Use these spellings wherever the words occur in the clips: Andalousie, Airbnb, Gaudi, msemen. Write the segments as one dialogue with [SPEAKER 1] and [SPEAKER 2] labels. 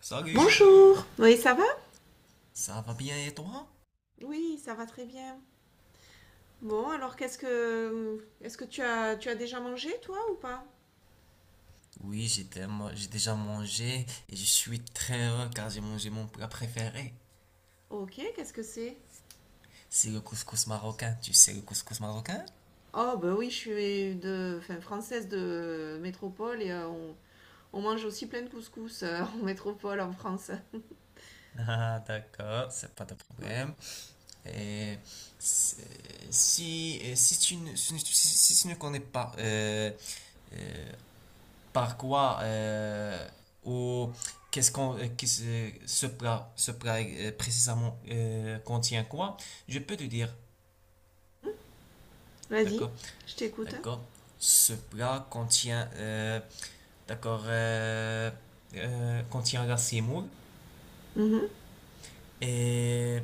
[SPEAKER 1] Salut.
[SPEAKER 2] Bonjour. Oui, ça va?
[SPEAKER 1] Ça va bien et toi?
[SPEAKER 2] Oui, ça va très bien. Bon, alors qu'est-ce que est-ce que tu as déjà mangé toi ou pas?
[SPEAKER 1] Oui, j'ai déjà mangé et je suis très heureux car j'ai mangé mon plat préféré.
[SPEAKER 2] Ok, qu'est-ce que c'est?
[SPEAKER 1] C'est le couscous marocain. Tu sais le couscous marocain?
[SPEAKER 2] Oh bah oui, je suis de enfin, française de métropole et on mange aussi plein de couscous en métropole en France.
[SPEAKER 1] Ah, d'accord, c'est pas de
[SPEAKER 2] Ouais.
[SPEAKER 1] problème. Et si si tu ne connais pas euh, par quoi ou qu'est-ce qu'on qu'est-ce- ce plat précisément contient quoi, je peux te dire,
[SPEAKER 2] Vas-y,
[SPEAKER 1] d'accord?
[SPEAKER 2] je t'écoute.
[SPEAKER 1] D'accord. Ce plat contient, d'accord, euh, contient la semoule
[SPEAKER 2] Mhm.
[SPEAKER 1] et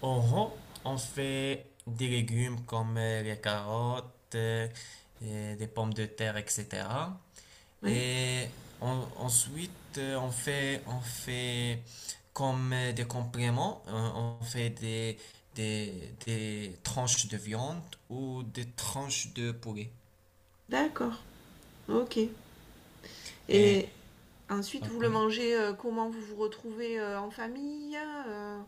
[SPEAKER 1] en rond, on fait des légumes comme les carottes et des pommes de terre, etc.
[SPEAKER 2] Oui,
[SPEAKER 1] Et ensuite, on fait comme des compléments. On fait des tranches de viande ou des tranches de poulet.
[SPEAKER 2] d'accord. Ok.
[SPEAKER 1] Et,
[SPEAKER 2] Et ensuite, vous
[SPEAKER 1] ok.
[SPEAKER 2] le mangez comment vous vous retrouvez en famille?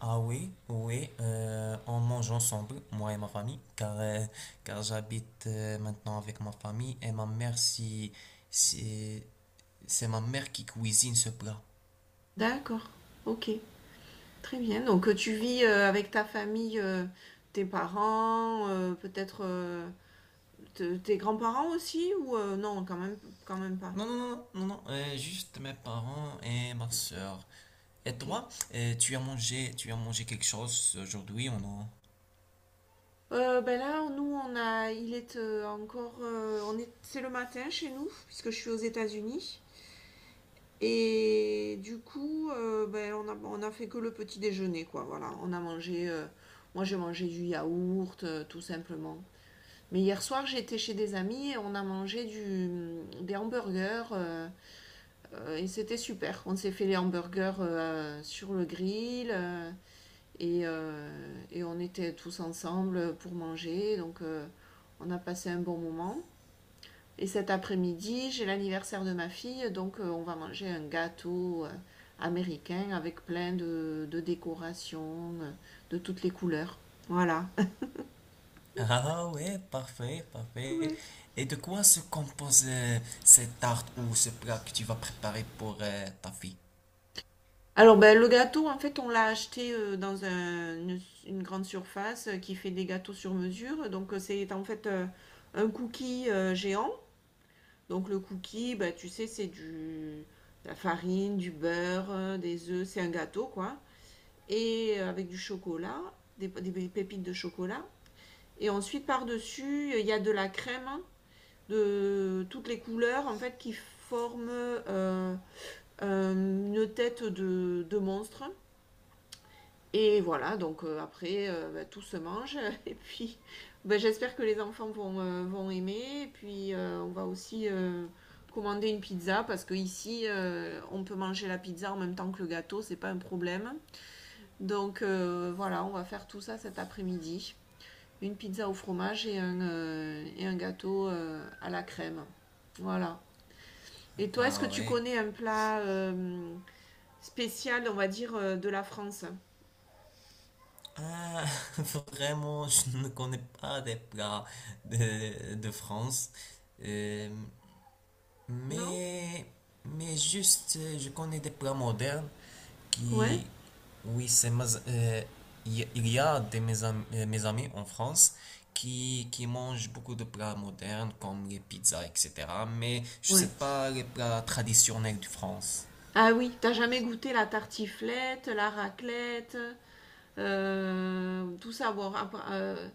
[SPEAKER 1] Ah oui, oui, on mange ensemble, moi et ma famille, car j'habite maintenant avec ma famille et ma mère. Si- c'est ma mère qui cuisine ce plat.
[SPEAKER 2] D'accord. Ok. Très bien. Donc, tu vis avec ta famille, tes parents, peut-être tes grands-parents aussi, ou non, quand même pas.
[SPEAKER 1] Non, non, non, non, non, juste mes parents et ma
[SPEAKER 2] Ok.
[SPEAKER 1] soeur. Et
[SPEAKER 2] Ok.
[SPEAKER 1] toi, tu as mangé quelque chose aujourd'hui ou non?
[SPEAKER 2] Ben là, nous, on a, il est encore, on est, c'est le matin chez nous, puisque je suis aux États-Unis. Et du coup, ben, on a fait que le petit déjeuner, quoi. Voilà, on a mangé, moi j'ai mangé du yaourt, tout simplement. Mais hier soir, j'étais chez des amis et on a mangé du, des hamburgers et c'était super. On s'est fait les hamburgers sur le grill et, euh, et on était tous ensemble pour manger. Donc on a passé un bon moment. Et cet après-midi, j'ai l'anniversaire de ma fille, donc on va manger un gâteau américain avec plein de décorations de toutes les couleurs. Voilà.
[SPEAKER 1] Ah ouais, parfait, parfait.
[SPEAKER 2] Ouais.
[SPEAKER 1] Et de quoi se compose cette tarte ou ce plat que tu vas préparer pour ta fille?
[SPEAKER 2] Alors, ben, le gâteau, en fait, on l'a acheté dans une grande surface qui fait des gâteaux sur mesure. Donc, c'est en fait un cookie géant. Donc, le cookie, ben, tu sais, c'est du, de la farine, du beurre, des œufs. C'est un gâteau, quoi. Et avec du chocolat, des pépites de chocolat. Et ensuite, par-dessus, il y a de la crème hein, de toutes les couleurs, en fait, qui forment une tête de monstre. Et voilà, donc après, bah, tout se mange. Et puis, bah, j'espère que les enfants vont, vont aimer. Et puis, on va aussi commander une pizza parce que ici, on peut manger la pizza en même temps que le gâteau, c'est pas un problème. Donc voilà, on va faire tout ça cet après-midi. Une pizza au fromage et un gâteau à la crème. Voilà. Et toi, est-ce que
[SPEAKER 1] Ah
[SPEAKER 2] tu
[SPEAKER 1] ouais.
[SPEAKER 2] connais un plat spécial, on va dire, de la France?
[SPEAKER 1] Ah, vraiment, je ne connais pas des plats de France. Euh,
[SPEAKER 2] Non.
[SPEAKER 1] mais, mais juste, je connais des plats modernes
[SPEAKER 2] Ouais.
[SPEAKER 1] qui, oui, il y a des mes amis en France qui mangent beaucoup de plats modernes comme les pizzas, etc. Mais je
[SPEAKER 2] Ouais.
[SPEAKER 1] sais pas les plats traditionnels de France.
[SPEAKER 2] Ah oui, t'as jamais goûté la tartiflette, la raclette, tout ça. Bon, après,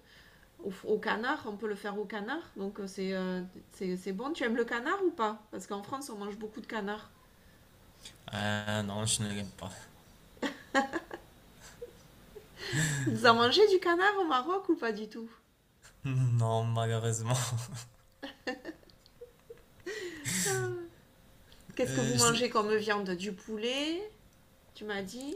[SPEAKER 2] au, au canard, on peut le faire au canard, donc c'est c'est bon. Tu aimes le canard ou pas? Parce qu'en France, on mange beaucoup de canard.
[SPEAKER 1] Ah non, je ne l'aime pas.
[SPEAKER 2] Vous en mangez du canard au Maroc ou pas du tout?
[SPEAKER 1] Non, malheureusement.
[SPEAKER 2] Qu'est-ce que vous
[SPEAKER 1] Euh, je,
[SPEAKER 2] mangez comme viande? Du poulet, tu m'as dit?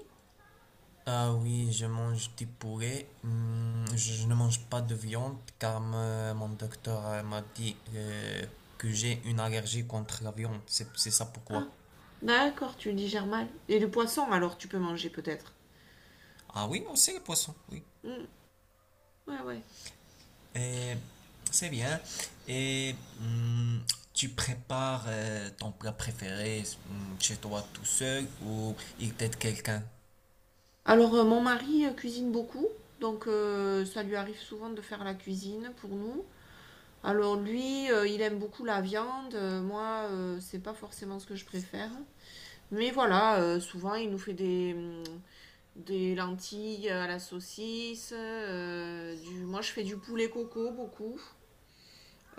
[SPEAKER 1] Ah oui, je mange du poulet. Hmm. Je ne mange pas de viande car mon docteur m'a dit que j'ai une allergie contre la viande. C'est ça
[SPEAKER 2] Ah,
[SPEAKER 1] pourquoi.
[SPEAKER 2] d'accord, tu digères mal. Et le poisson, alors tu peux manger peut-être.
[SPEAKER 1] Ah oui, aussi le poisson, oui.
[SPEAKER 2] Hmm, ouais, ouais.
[SPEAKER 1] Et c'est bien. Et hmm, tu prépares ton plat préféré, hmm, chez toi tout seul ou il t'aide quelqu'un?
[SPEAKER 2] Alors, mon mari cuisine beaucoup, donc ça lui arrive souvent de faire la cuisine pour nous. Alors lui, il aime beaucoup la viande, moi, c'est pas forcément ce que je préfère. Mais voilà, souvent il nous fait des lentilles à la saucisse, du... moi je fais du poulet coco beaucoup.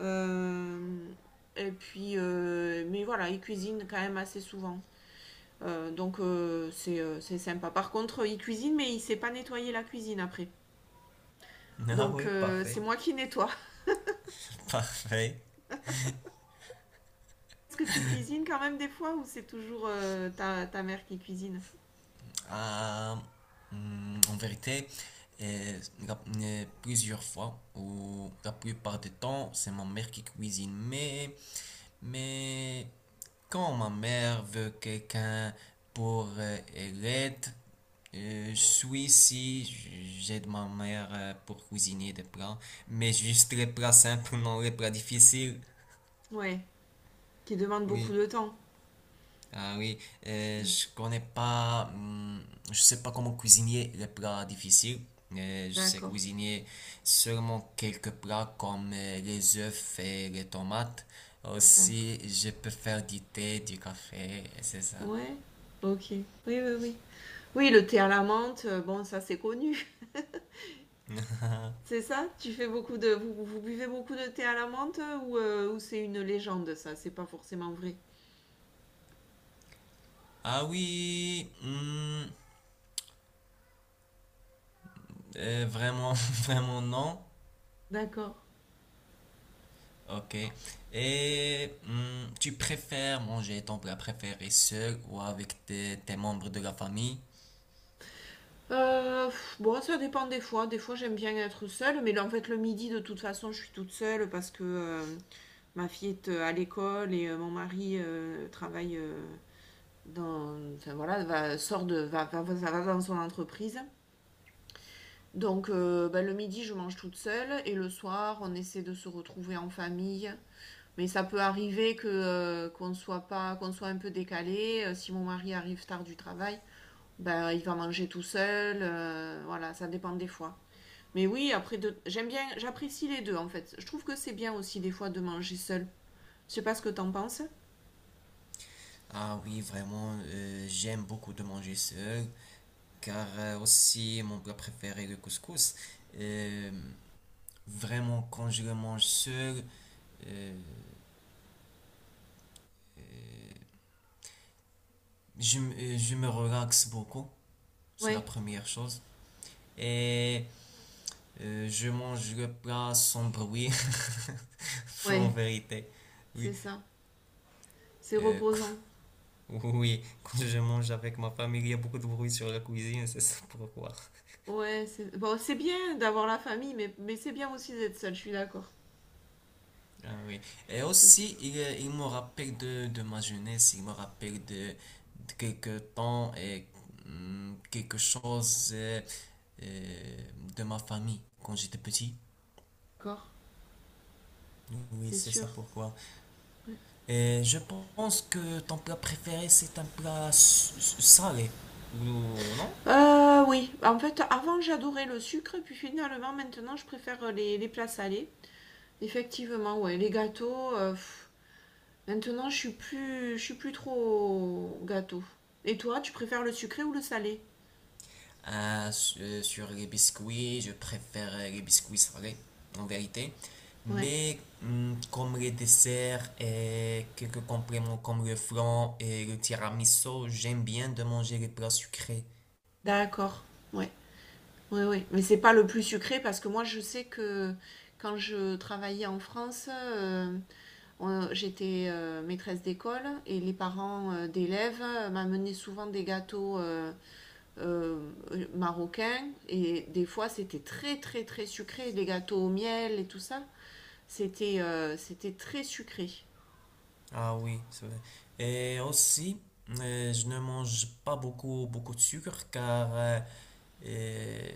[SPEAKER 2] Euh, et puis, mais voilà, il cuisine quand même assez souvent. Donc c'est sympa. Par contre, il cuisine, mais il sait pas nettoyer la cuisine après.
[SPEAKER 1] Ah
[SPEAKER 2] Donc
[SPEAKER 1] oui,
[SPEAKER 2] c'est
[SPEAKER 1] parfait.
[SPEAKER 2] moi qui nettoie.
[SPEAKER 1] Parfait.
[SPEAKER 2] Est-ce que tu cuisines quand même des fois ou c'est toujours ta, ta mère qui cuisine?
[SPEAKER 1] Euh, En vérité, euh, la- plusieurs fois, ou la plupart du temps, c'est ma mère qui cuisine. Mais quand ma mère veut quelqu'un pour l'aide, je suis ici, j'aide ma mère pour cuisiner des plats, mais juste les plats simples, non les plats difficiles.
[SPEAKER 2] Ouais, qui demande beaucoup
[SPEAKER 1] Oui.
[SPEAKER 2] de temps.
[SPEAKER 1] Ah oui,
[SPEAKER 2] Mm.
[SPEAKER 1] je connais pas, je sais pas comment cuisiner les plats difficiles. Je sais
[SPEAKER 2] D'accord,
[SPEAKER 1] cuisiner seulement quelques plats comme les œufs et les tomates.
[SPEAKER 2] d'accord.
[SPEAKER 1] Aussi, je peux faire du thé, du café, et c'est ça.
[SPEAKER 2] Ouais, ok. Oui, oui, oui. Oui, le thé à la menthe, bon, ça c'est connu. C'est ça? Tu fais beaucoup de... Vous, vous buvez beaucoup de thé à la menthe ou c'est une légende ça? C'est pas forcément vrai.
[SPEAKER 1] Ah oui, vraiment, vraiment non.
[SPEAKER 2] D'accord.
[SPEAKER 1] Ok. Et tu préfères manger ton plat préféré seul ou avec tes membres de la famille?
[SPEAKER 2] Pff, bon, ça dépend des fois. Des fois, j'aime bien être seule, mais là, en fait, le midi, de toute façon, je suis toute seule parce que ma fille est à l'école et mon mari travaille dans. Enfin voilà, va, sort de, va, va, va dans son entreprise. Donc ben, le midi, je mange toute seule et le soir, on essaie de se retrouver en famille. Mais ça peut arriver que qu'on soit pas, qu'on soit un peu décalé. Si mon mari arrive tard du travail, ben il va manger tout seul. Voilà, ça dépend des fois. Mais oui, après, j'aime bien, j'apprécie les deux en fait. Je trouve que c'est bien aussi des fois de manger seul. Je sais pas ce que t'en penses.
[SPEAKER 1] Ah oui, vraiment, j'aime beaucoup de manger seul, car aussi mon plat préféré, le couscous. Euh, vraiment, quand je le mange seul, euh, je me relaxe beaucoup, c'est la
[SPEAKER 2] Ouais.
[SPEAKER 1] première chose. Et je mange le plat sans bruit, en
[SPEAKER 2] Ouais,
[SPEAKER 1] vérité. Oui,
[SPEAKER 2] c'est ça. C'est
[SPEAKER 1] euh,
[SPEAKER 2] reposant.
[SPEAKER 1] oui, quand je mange avec ma famille, il y a beaucoup de bruit sur la cuisine, c'est ça pourquoi.
[SPEAKER 2] Ouais, c'est bon, c'est bien d'avoir la famille, mais c'est bien aussi d'être seul, je suis d'accord.
[SPEAKER 1] Ah oui. Et
[SPEAKER 2] C'est sûr.
[SPEAKER 1] aussi, il me rappelle de ma jeunesse, il me rappelle de quelques temps et quelque chose euh, de ma famille quand j'étais petit.
[SPEAKER 2] D'accord,
[SPEAKER 1] Oui,
[SPEAKER 2] c'est
[SPEAKER 1] c'est ça
[SPEAKER 2] sûr.
[SPEAKER 1] pourquoi. Et je pense que ton plat préféré, c'est un plat salé. Ou non?
[SPEAKER 2] Oui, en fait, avant j'adorais le sucre, puis finalement maintenant je préfère les plats salés. Effectivement, ouais, les gâteaux. Pff, maintenant je suis plus trop gâteau. Et toi, tu préfères le sucré ou le salé?
[SPEAKER 1] Ah, sur les biscuits, je préfère les biscuits salés, en vérité.
[SPEAKER 2] Ouais,
[SPEAKER 1] Mais comme les desserts et quelques compléments comme le flan et le tiramisu, j'aime bien de manger les plats sucrés.
[SPEAKER 2] d'accord. Ouais. Oui, oui, mais c'est pas le plus sucré parce que moi je sais que quand je travaillais en France, j'étais maîtresse d'école et les parents d'élèves m'amenaient souvent des gâteaux marocains et des fois c'était très très très sucré, des gâteaux au miel et tout ça. C'était c'était très sucré.
[SPEAKER 1] Ah oui, c'est vrai. Et aussi, je ne mange pas beaucoup de sucre car euh,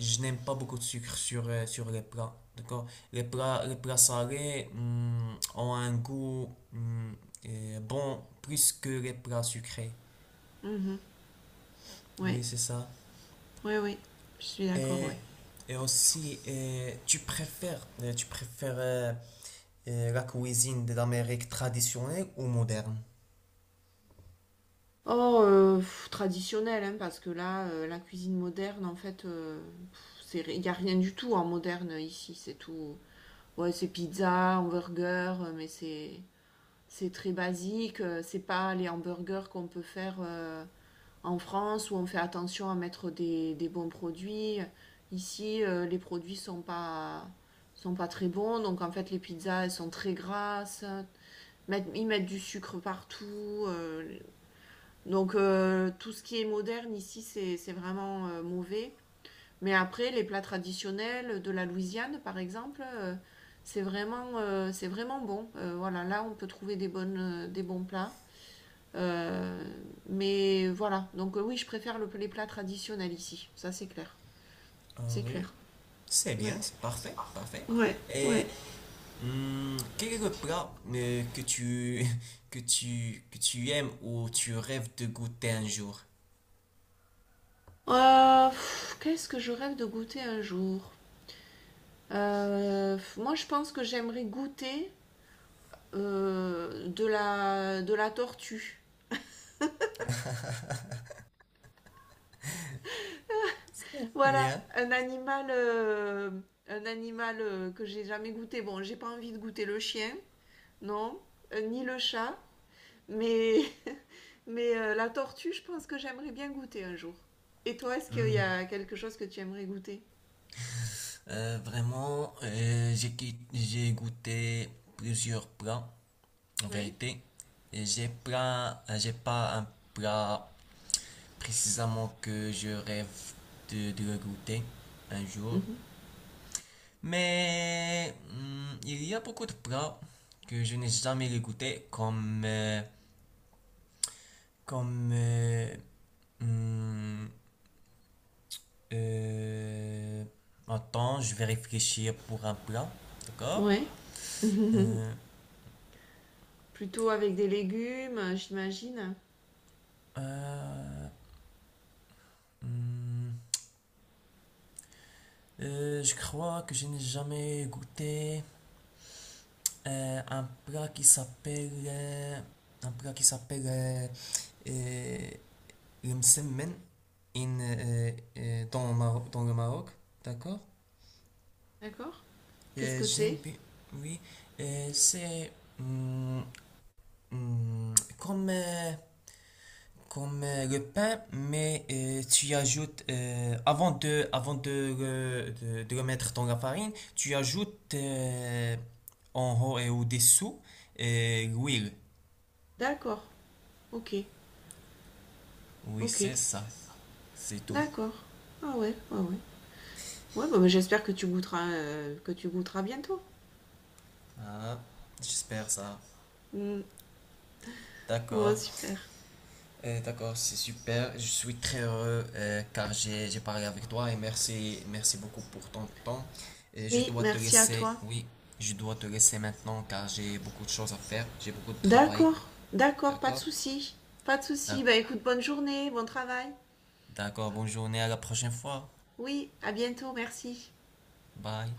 [SPEAKER 1] je n'aime pas beaucoup de sucre sur, sur les plats. D'accord? Les plats salés, ont un goût, bon, plus que les plats sucrés.
[SPEAKER 2] Mhm. Ouais,
[SPEAKER 1] Oui, c'est ça.
[SPEAKER 2] oui, ouais, je suis d'accord, ouais.
[SPEAKER 1] Et, et aussi, tu préfères la cuisine de l'Amérique traditionnelle ou moderne?
[SPEAKER 2] Oh, pff, traditionnel, hein, parce que là, la cuisine moderne, en fait, il n'y a rien du tout en moderne ici. C'est tout. Ouais, c'est pizza, hamburger, mais c'est très basique. C'est pas les hamburgers qu'on peut faire en France où on fait attention à mettre des bons produits. Ici, les produits sont pas très bons, donc en fait, les pizzas, elles sont très grasses. Ils mettent du sucre partout. Donc tout ce qui est moderne ici, c'est vraiment mauvais. Mais après, les plats traditionnels de la Louisiane, par exemple, c'est vraiment bon. Voilà, là, on peut trouver des, bonnes, des bons plats. Euh, mais voilà, donc oui, je préfère les plats traditionnels ici. Ça, c'est clair.
[SPEAKER 1] Ah
[SPEAKER 2] C'est
[SPEAKER 1] oui,
[SPEAKER 2] clair.
[SPEAKER 1] c'est
[SPEAKER 2] Ouais.
[SPEAKER 1] bien, c'est parfait, parfait.
[SPEAKER 2] Ouais, ouais.
[SPEAKER 1] Et quel est le plat que tu aimes ou tu rêves de goûter un jour?
[SPEAKER 2] Pff, qu'est-ce que je rêve de goûter un jour? Pff, moi, je pense que j'aimerais goûter de la tortue. Voilà,
[SPEAKER 1] Bien.
[SPEAKER 2] un animal que j'ai jamais goûté. Bon, j'ai pas envie de goûter le chien, non, ni le chat, mais, mais la tortue, je pense que j'aimerais bien goûter un jour. Et toi, est-ce qu'il y
[SPEAKER 1] Hmm.
[SPEAKER 2] a quelque chose que tu aimerais goûter?
[SPEAKER 1] Vraiment, j'ai goûté plusieurs plats, en
[SPEAKER 2] Ouais,
[SPEAKER 1] vérité. Et j'ai pas un plat précisément que je rêve de le goûter un jour. Mais il y a beaucoup de plats que je n'ai jamais goûté, comme hum, Euh, attends, je vais réfléchir pour un plat. D'accord?
[SPEAKER 2] ouais.
[SPEAKER 1] Euh,
[SPEAKER 2] Plutôt avec des légumes, j'imagine.
[SPEAKER 1] euh, hmm, je crois que je n'ai jamais goûté euh, un plat qui s'appelle euh, un plat qui s'appelle euh, le msemen in, dans, dans le Maroc. D'accord?
[SPEAKER 2] D'accord. Qu'est-ce que
[SPEAKER 1] J'aime
[SPEAKER 2] c'est?
[SPEAKER 1] bien. Oui. C'est hmm, comme le pain, mais tu y ajoutes, avant de, de le mettre dans la farine, tu ajoutes en haut et au-dessous l'huile.
[SPEAKER 2] D'accord, ok,
[SPEAKER 1] Oui, c'est
[SPEAKER 2] ok.
[SPEAKER 1] ça, c'est tout.
[SPEAKER 2] D'accord. Ah ouais, ah ouais. Ouais, bah, bah, j'espère que tu goûteras bientôt.
[SPEAKER 1] Ah, j'espère ça.
[SPEAKER 2] Mm. Bon,
[SPEAKER 1] D'accord.
[SPEAKER 2] super.
[SPEAKER 1] D'accord, c'est super. Je suis très heureux car j'ai parlé avec toi et merci, merci beaucoup pour ton temps. Et je
[SPEAKER 2] Oui,
[SPEAKER 1] dois te
[SPEAKER 2] merci à
[SPEAKER 1] laisser,
[SPEAKER 2] toi.
[SPEAKER 1] oui, je dois te laisser maintenant car j'ai beaucoup de choses à faire, j'ai beaucoup de travail.
[SPEAKER 2] D'accord, d'accord, pas de
[SPEAKER 1] D'accord?
[SPEAKER 2] souci. Pas de souci.
[SPEAKER 1] D'ac-
[SPEAKER 2] Bah écoute, bonne journée, bon travail.
[SPEAKER 1] D'accord, bonne journée, à la prochaine fois.
[SPEAKER 2] Oui, à bientôt, merci.
[SPEAKER 1] Bye.